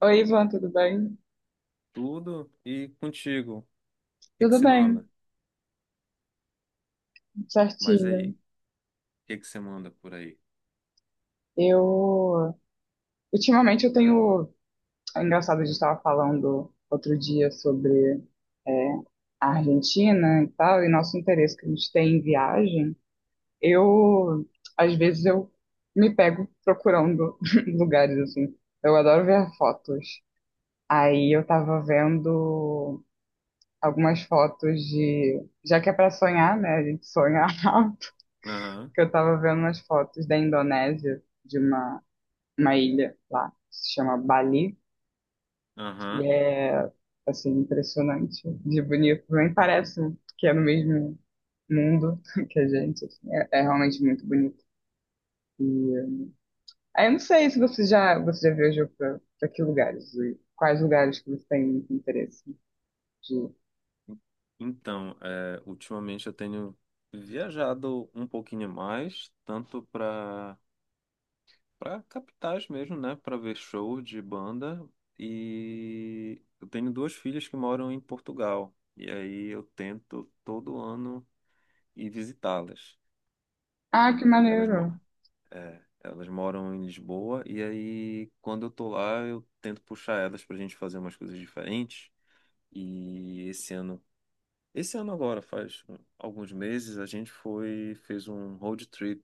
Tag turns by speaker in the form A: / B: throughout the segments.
A: Oi, Ivan, tudo bem?
B: Tudo e contigo. O que que
A: Tudo
B: você
A: bem,
B: manda? Mas aí,
A: certinho.
B: o que que você manda por aí?
A: Eu, ultimamente eu tenho. É engraçado, a gente estava falando outro dia sobre é, a Argentina e tal, e nosso interesse que a gente tem em viagem. Eu, às vezes, eu me pego procurando lugares, assim. Eu adoro ver fotos. Aí eu tava vendo algumas fotos de, já que é para sonhar, né, a gente sonha
B: Aham,
A: que eu tava vendo umas fotos da Indonésia, de uma ilha lá, que se chama Bali, que
B: aham.
A: é, assim, impressionante de bonito. Nem parece que é no mesmo mundo que a gente, assim, é realmente muito bonito. E, aí eu não sei se você já viajou pra que lugares, e quais lugares que você tem muito interesse de ir.
B: Então, ultimamente eu tenho viajado um pouquinho mais, tanto para capitais mesmo, né? Para ver show de banda. E eu tenho duas filhas que moram em Portugal. E aí eu tento todo ano ir visitá-las.
A: Ah, que
B: E elas moram.
A: maneiro!
B: É, elas moram em Lisboa e aí quando eu tô lá eu tento puxar elas pra gente fazer umas coisas diferentes. E esse ano agora, faz alguns meses, a gente foi, fez um road trip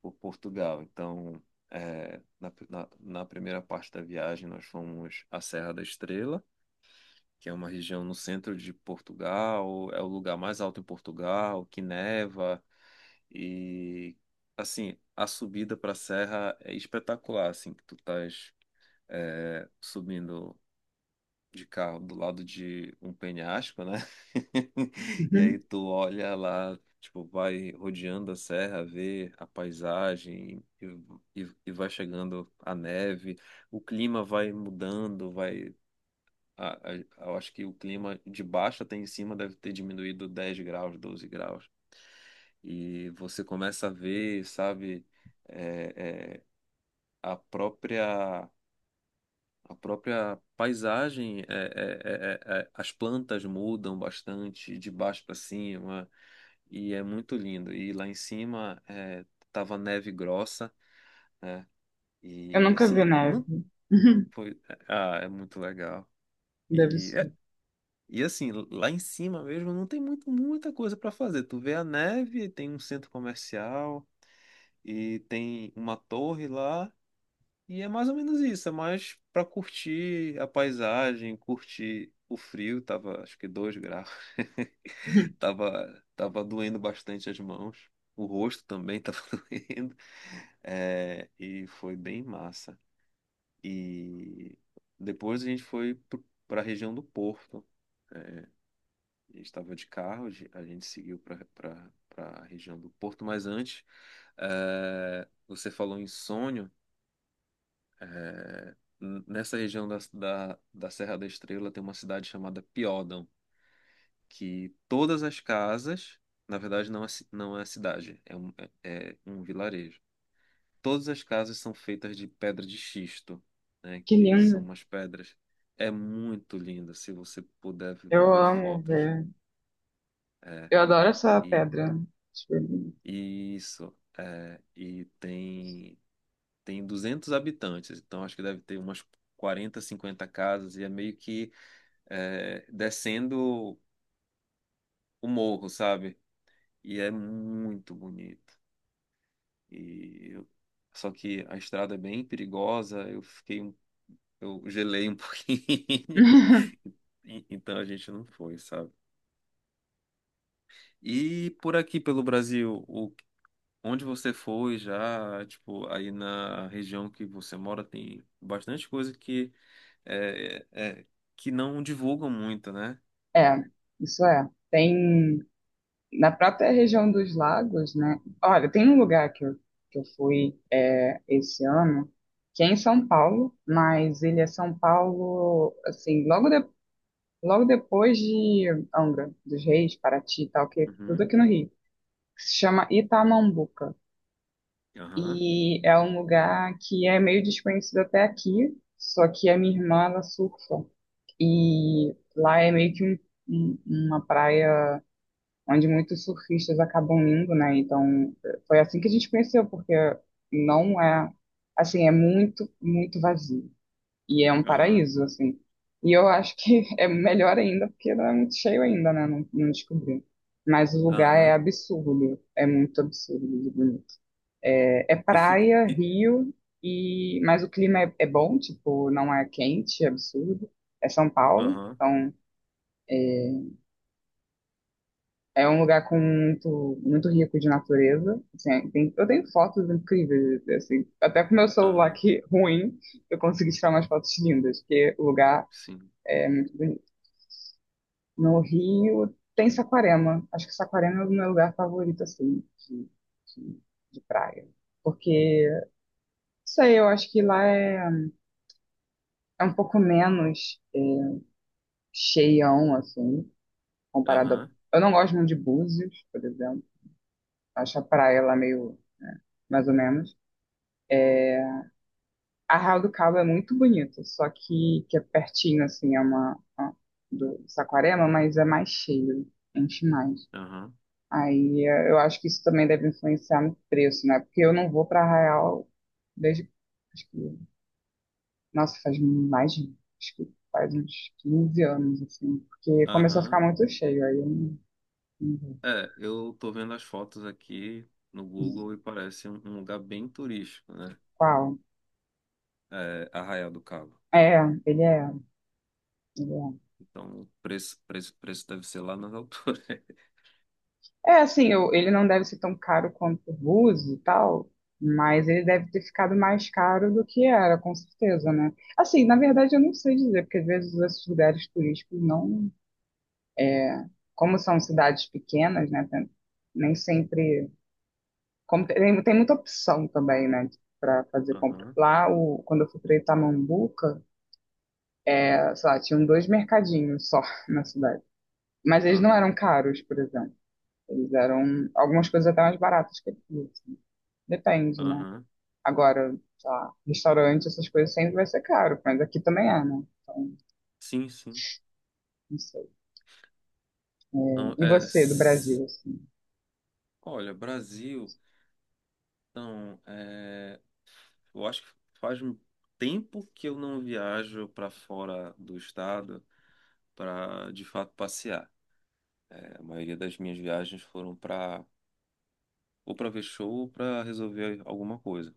B: por Portugal. Então, na primeira parte da viagem nós fomos à Serra da Estrela que é uma região no centro de Portugal, é o lugar mais alto em Portugal, que neva e assim, a subida para a serra é espetacular, assim, que tu estás subindo de carro do lado de um penhasco, né? E aí
A: Uhum.
B: tu olha lá, tipo, vai rodeando a serra, vê a paisagem e vai chegando a neve, o clima vai mudando, vai a- a- eu acho que o clima de baixo até em cima deve ter diminuído 10 graus, 12 graus. E você começa a ver, sabe, é, é, a própria, a própria paisagem, as plantas mudam bastante de baixo para cima, e é muito lindo. E lá em cima tava neve grossa, né?
A: Eu
B: E
A: nunca vi
B: assim,
A: neve.
B: não foi, ah, é muito legal.
A: Deve
B: E
A: ser.
B: E assim, lá em cima mesmo não tem muita coisa para fazer. Tu vê a neve, tem um centro comercial e tem uma torre lá. E é mais ou menos isso, é mais para curtir a paisagem, curtir o frio, tava acho que 2 graus. Tava doendo bastante as mãos. O rosto também tava doendo. É, e foi bem massa. E depois a gente foi para a região do Porto. eh, a gente estava de carro, a gente seguiu para a região do Porto, mas antes, você falou em sonho. eh, Nessa região da Serra da Estrela tem uma cidade chamada Piódão, que todas as casas, na verdade, não é, não é cidade, é um vilarejo. Todas as casas são feitas de pedra de xisto, né,
A: Que
B: que são
A: lindo!
B: umas pedras. É muito linda, se você puder
A: Eu
B: ver
A: amo
B: fotos.
A: ver.
B: É.
A: Eu adoro essa
B: E
A: pedra. Acho bem bonito.
B: isso, e tem 200 habitantes, então acho que deve ter umas 40, 50 casas e é meio que descendo o morro, sabe? E é muito bonito. E eu- Só que a estrada é bem perigosa, eu gelei um pouquinho. Então a gente não foi, sabe? E por aqui pelo Brasil. O Onde você foi já, tipo, aí na região que você mora tem bastante coisa que é, é- é, que não divulgam muito, né?
A: É, isso é. Tem na própria região dos lagos, né? Olha, tem um lugar que eu fui esse ano, que é em São Paulo, mas ele é São Paulo, assim, logo depois de Angra dos Reis, Paraty e tal, que é tudo
B: Uhum.
A: aqui no Rio, que se chama Itamambuca.
B: Aham.
A: E é um lugar que é meio desconhecido até aqui, só que a minha irmã, ela surfa. E lá é meio que um- uma praia onde muitos surfistas acabam indo, né? Então, foi assim que a gente conheceu, porque não é, assim, muito vazio. E é um
B: Aham.
A: paraíso, assim. E eu acho que é melhor ainda, porque não é muito cheio ainda, né? Não descobri. Mas o lugar é
B: Aham.
A: absurdo, é muito absurdo de bonito. É, é
B: E fi-
A: praia,
B: e-
A: rio, e mas o clima é, é bom, tipo, não é quente, é absurdo. É São Paulo,
B: Aham.
A: então é um lugar com muito, muito rico de natureza. Assim, eu tenho fotos incríveis, assim, até com meu celular
B: Aham.
A: que ruim, eu consegui tirar umas fotos lindas, porque o lugar
B: Sim.
A: é muito bonito. No Rio tem Saquarema. Acho que Saquarema é o meu lugar favorito, assim, de, de praia. Porque, não sei, eu acho que lá é um pouco menos cheião, assim, comparado a...
B: Aham.
A: Eu não gosto muito de Búzios, por exemplo. Acho a praia lá meio mais ou menos. A Arraial do Cabo é muito bonito, só que é pertinho, assim, é uma, ó, do Saquarema, mas é mais cheio, enche mais.
B: Aham.
A: Eu acho que isso também deve influenciar no preço, né? Porque eu não vou para Arraial desde, acho que, nossa, acho que faz uns 15 anos, assim, porque começou a ficar
B: Aham.
A: muito cheio, aí eu não, não vou.
B: É, eu tô vendo as fotos aqui no Google e parece um lugar bem turístico, né?
A: Qual?
B: É, Arraial do Cabo.
A: É, ele é, ele é.
B: Então, o preço, preço, preço deve ser lá nas alturas.
A: É, assim, ele não deve ser tão caro quanto o Búzios e tal, mas ele deve ter ficado mais caro do que era, com certeza, né? Assim, na verdade, eu não sei dizer, porque às vezes esses lugares turísticos não. Como são cidades pequenas, né? Nem sempre. Como tem muita opção também, né? Para fazer compra.
B: Aham.
A: Lá, o, quando eu fui para Itamambuca, sei lá, tinham dois mercadinhos só na cidade. Mas eles não
B: Aham.
A: eram caros, por exemplo. Eles eram algumas coisas até mais baratas que aqui, assim. Depende, né?
B: Aham.
A: Agora, sei lá, restaurante, essas coisas sempre vai ser caro, mas aqui também é, né? Então,
B: Sim, sim.
A: não sei.
B: Não,
A: E você, do Brasil, assim?
B: olha, Brasil, então, eu acho que faz um tempo que eu não viajo para fora do estado para de fato passear. É, a maioria das minhas viagens foram para ou para ver show ou para resolver alguma coisa.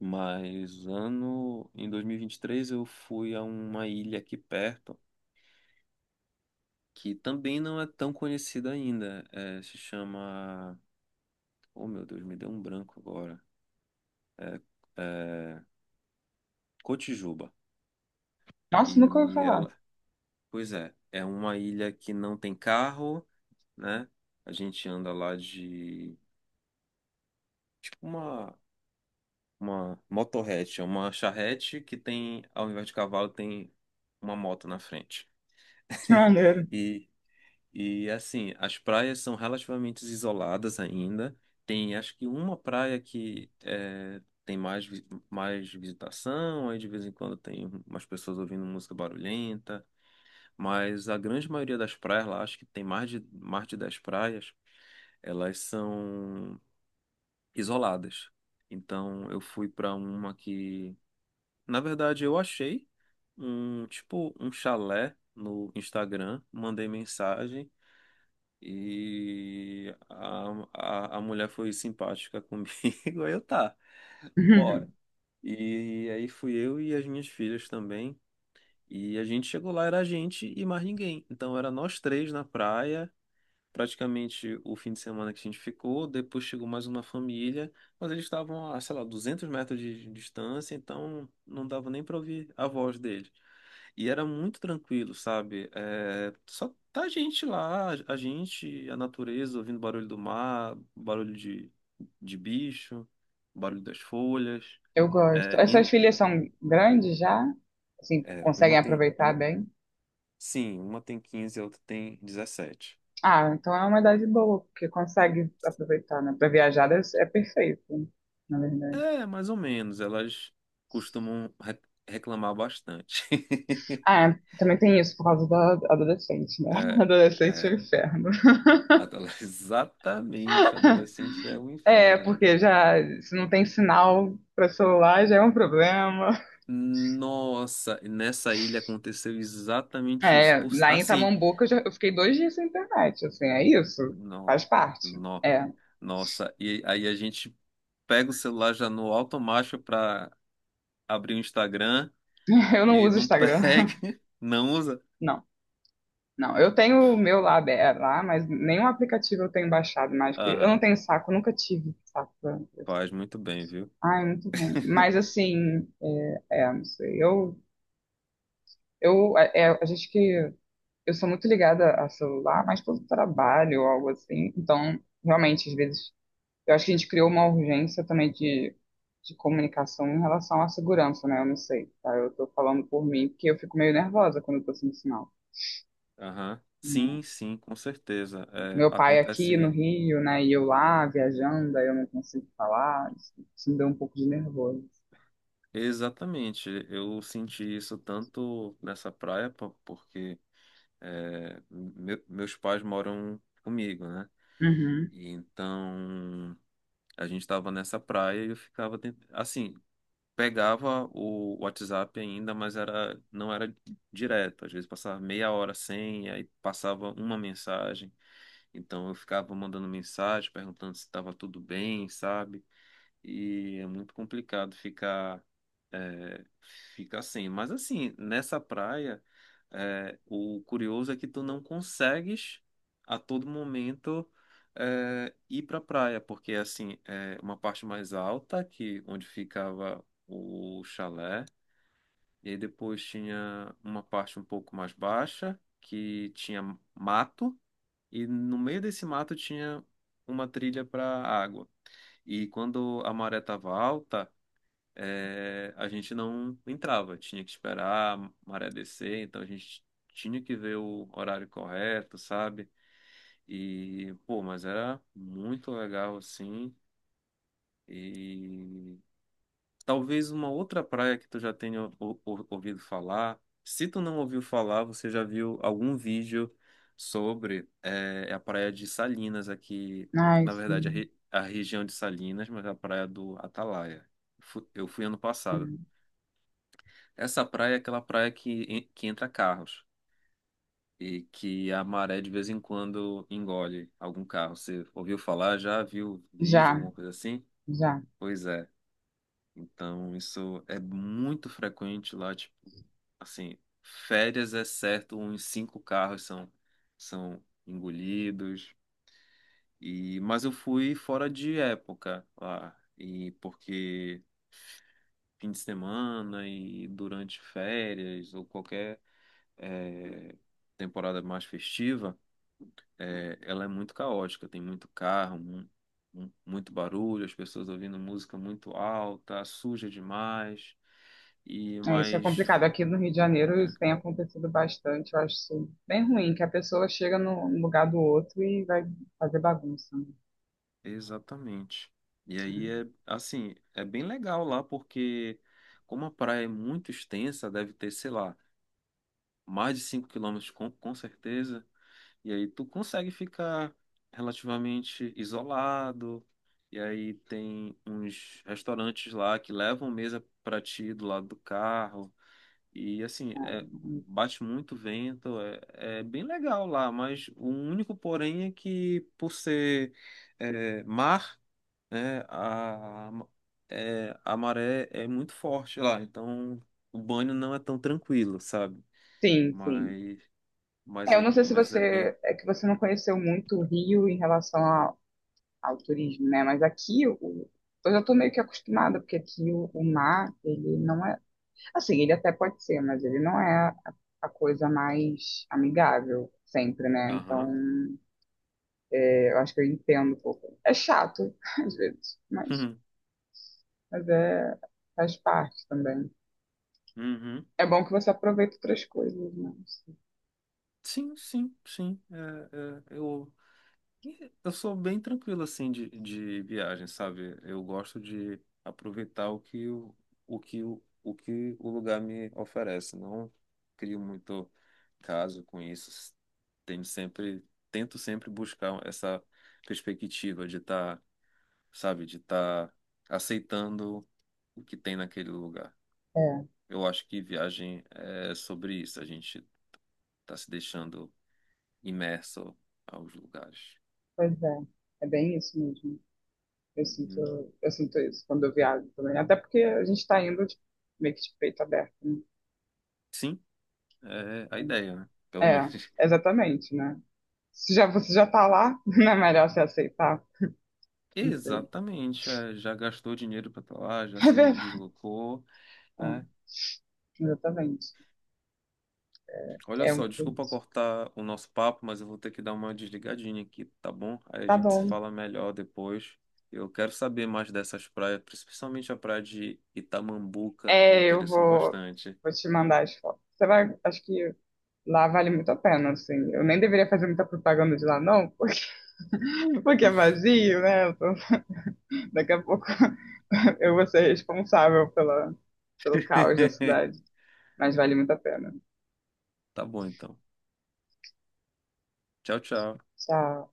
B: Mas ano em dois mil e vinte e três eu fui a uma ilha aqui perto que também não é tão conhecida ainda. É, se chama, oh meu Deus, me deu um branco agora. É, Cotijuba.
A: Nossa, nunca ouvi
B: E
A: falar.
B: ela, pois é, é uma ilha que não tem carro, né? A gente anda lá de tipo uma motorrete, é uma charrete que tem, ao invés de cavalo, tem uma moto na frente.
A: Que maneiro.
B: E e assim, as praias são relativamente isoladas ainda. Tem acho que uma praia que tem mais visitação, aí de vez em quando tem umas pessoas ouvindo música barulhenta. Mas a grande maioria das praias lá, acho que tem mais de 10 praias, elas são isoladas. Então eu fui para uma que, na verdade, eu achei um tipo um chalé no Instagram, mandei mensagem e a mulher foi simpática comigo. Aí eu tá, bora. E aí fui eu e as minhas filhas também. E a gente chegou lá, era a gente e mais ninguém. Então era nós três na praia, praticamente o fim de semana que a gente ficou. Depois chegou mais uma família, mas eles estavam a, sei lá, 200 metros de distância, então não dava nem para ouvir a voz deles. E era muito tranquilo, sabe? É, só tá a gente lá, a gente, a natureza, ouvindo barulho do mar, barulho de bicho, barulho das folhas.
A: Eu gosto.
B: É,
A: As suas filhas são grandes já? Assim, conseguem
B: uma tem.
A: aproveitar
B: Uma,
A: bem?
B: sim, uma tem 15 a outra tem 17.
A: Ah, então é uma idade boa, porque consegue aproveitar, né? Pra viajar deve ser- é perfeito, na verdade.
B: É, mais ou menos. Elas costumam reclamar bastante.
A: Ah, também tem isso por causa da adolescente, né?
B: É,
A: Adolescente é um
B: é.
A: inferno.
B: Exatamente. Adolescente é o
A: É,
B: inferno.
A: porque já se não tem sinal para celular já é um problema.
B: Nossa, nessa ilha aconteceu exatamente isso.
A: É, lá em
B: Assim,
A: Tamambuca eu fiquei 2 dias sem internet, assim, é isso.
B: não,
A: Faz parte.
B: não,
A: É,
B: nossa. E aí a gente pega o celular já no automático para abrir o Instagram
A: eu não
B: e
A: uso
B: não
A: Instagram.
B: pega, não usa.
A: Não, não. Eu tenho o meu lá, aberto, lá, mas nenhum aplicativo eu tenho baixado mais. Porque eu
B: Aham,
A: não tenho saco, nunca tive saco. Pra isso.
B: faz muito bem, viu?
A: Ai, muito ruim. Mas assim, não sei. A gente que eu sou muito ligada a celular, mas pelo trabalho ou algo assim. Então, realmente, às vezes eu acho que a gente criou uma urgência também de comunicação em relação à segurança, né? Eu não sei, tá? Eu tô falando por mim, porque eu fico meio nervosa quando eu tô sem sinal.
B: Aham.
A: Né?
B: Sim, sim, com certeza. É,
A: Meu pai aqui no
B: acontece
A: Rio, né? E eu lá viajando, aí eu não consigo falar. Isso me deu um pouco de nervoso.
B: exatamente. Eu senti isso tanto nessa praia, porque meus pais moram comigo, né?
A: Uhum.
B: E então a gente estava nessa praia e eu ficava assim, pegava o WhatsApp ainda, mas era não era direto. Às vezes passava meia hora sem, e aí passava uma mensagem. Então eu ficava mandando mensagem, perguntando se estava tudo bem, sabe? E é muito complicado é, ficar sem. Mas assim, nessa praia, o curioso é que tu não consegues a todo momento ir para praia, porque assim é uma parte mais alta que onde ficava o chalé e aí depois tinha uma parte um pouco mais baixa que tinha mato e no meio desse mato tinha uma trilha para água. E quando a maré estava alta, a gente não entrava, tinha que esperar a maré descer, então a gente tinha que ver o horário correto, sabe? E, pô, mas era muito legal assim. E talvez uma outra praia que tu já tenha ouvido falar. Se tu não ouviu falar, você já viu algum vídeo sobre a praia de Salinas aqui,
A: Ai,
B: na verdade,
A: sim.
B: a região de Salinas, mas a praia do Atalaia. Eu fui ano
A: É.
B: passado. Essa praia é aquela praia que, que entra carros e que a maré de vez em quando engole algum carro. Você ouviu falar? Já viu vídeo,
A: Já,
B: alguma coisa assim?
A: já.
B: Pois é. Então isso é muito frequente lá, tipo, assim, férias é certo, uns cinco carros são engolidos. E, mas eu fui fora de época lá, e porque fim de semana e durante férias ou qualquer é, temporada mais festiva, ela é muito caótica, tem muito carro, muito barulho, as pessoas ouvindo música muito alta, suja demais, e
A: É, isso é
B: mas
A: complicado. Aqui no Rio de Janeiro
B: é,
A: isso tem acontecido bastante. Eu acho isso bem ruim, que a pessoa chega no lugar do outro e vai fazer bagunça. Né?
B: exatamente. E aí é assim, é bem legal lá porque como a praia é muito extensa, deve ter, sei lá, mais de 5 quilômetros com certeza. E aí tu consegue ficar relativamente isolado. E aí tem uns restaurantes lá que levam mesa pra ti do lado do carro. E assim,
A: É, é,
B: bate muito vento, é bem legal lá, mas o único porém é que por ser mar, né, a maré é muito forte lá, então o banho não é tão tranquilo, sabe?
A: Sim, sim.
B: Mas,
A: É, eu não sei se
B: mas é bem.
A: você é que você não conheceu muito o Rio em relação ao turismo, né? Mas aqui o, eu já estou meio que acostumada, porque aqui o mar, ele não é. Assim, ele até pode ser, mas ele não é a coisa mais amigável sempre, né? Então,
B: Aham.
A: é, eu acho que eu entendo um pouco. É chato, às vezes, mas é, faz parte também.
B: Uhum.
A: É bom que você aproveita outras coisas, né?
B: Sim, sim, sim. É, é, eu sou bem tranquilo assim de viagem, sabe? Eu gosto de aproveitar o que o que o que o lugar me oferece. Não crio muito caso com isso. Tenho sempre, tento sempre buscar essa perspectiva de estar, sabe, de estar aceitando o que tem naquele lugar.
A: É,
B: Eu acho que viagem é sobre isso, a gente está se deixando imerso aos lugares.
A: pois é. É bem isso mesmo. Eu
B: Uhum.
A: sinto, eu sinto isso quando eu viajo também. Até porque a gente está indo de- meio que de peito aberto. Né?
B: Sim, é a
A: Então,
B: ideia, né? Pelo menos.
A: É, exatamente, né? Se já, você já tá lá, não é melhor você aceitar? Não sei.
B: Exatamente. Já gastou dinheiro para lá, já
A: É
B: se
A: verdade.
B: deslocou,
A: É,
B: né?
A: exatamente.
B: Olha
A: É um
B: só,
A: pouco
B: desculpa
A: isso.
B: cortar o nosso papo, mas eu vou ter que dar uma desligadinha aqui, tá bom? Aí a
A: Tá
B: gente se
A: bom.
B: fala melhor depois. Eu quero saber mais dessas praias, principalmente a praia de Itamambuca, me
A: É, eu
B: interessou
A: vou,
B: bastante.
A: vou te mandar as fotos. Você vai, acho que lá vale muito a pena, assim. Eu nem deveria fazer muita propaganda de lá, não, porque, porque é vazio, né? Daqui a pouco eu vou ser responsável pela, pelo caos da cidade. Mas vale muito a pena.
B: Tá bom, então. Tchau, tchau.
A: Tchau.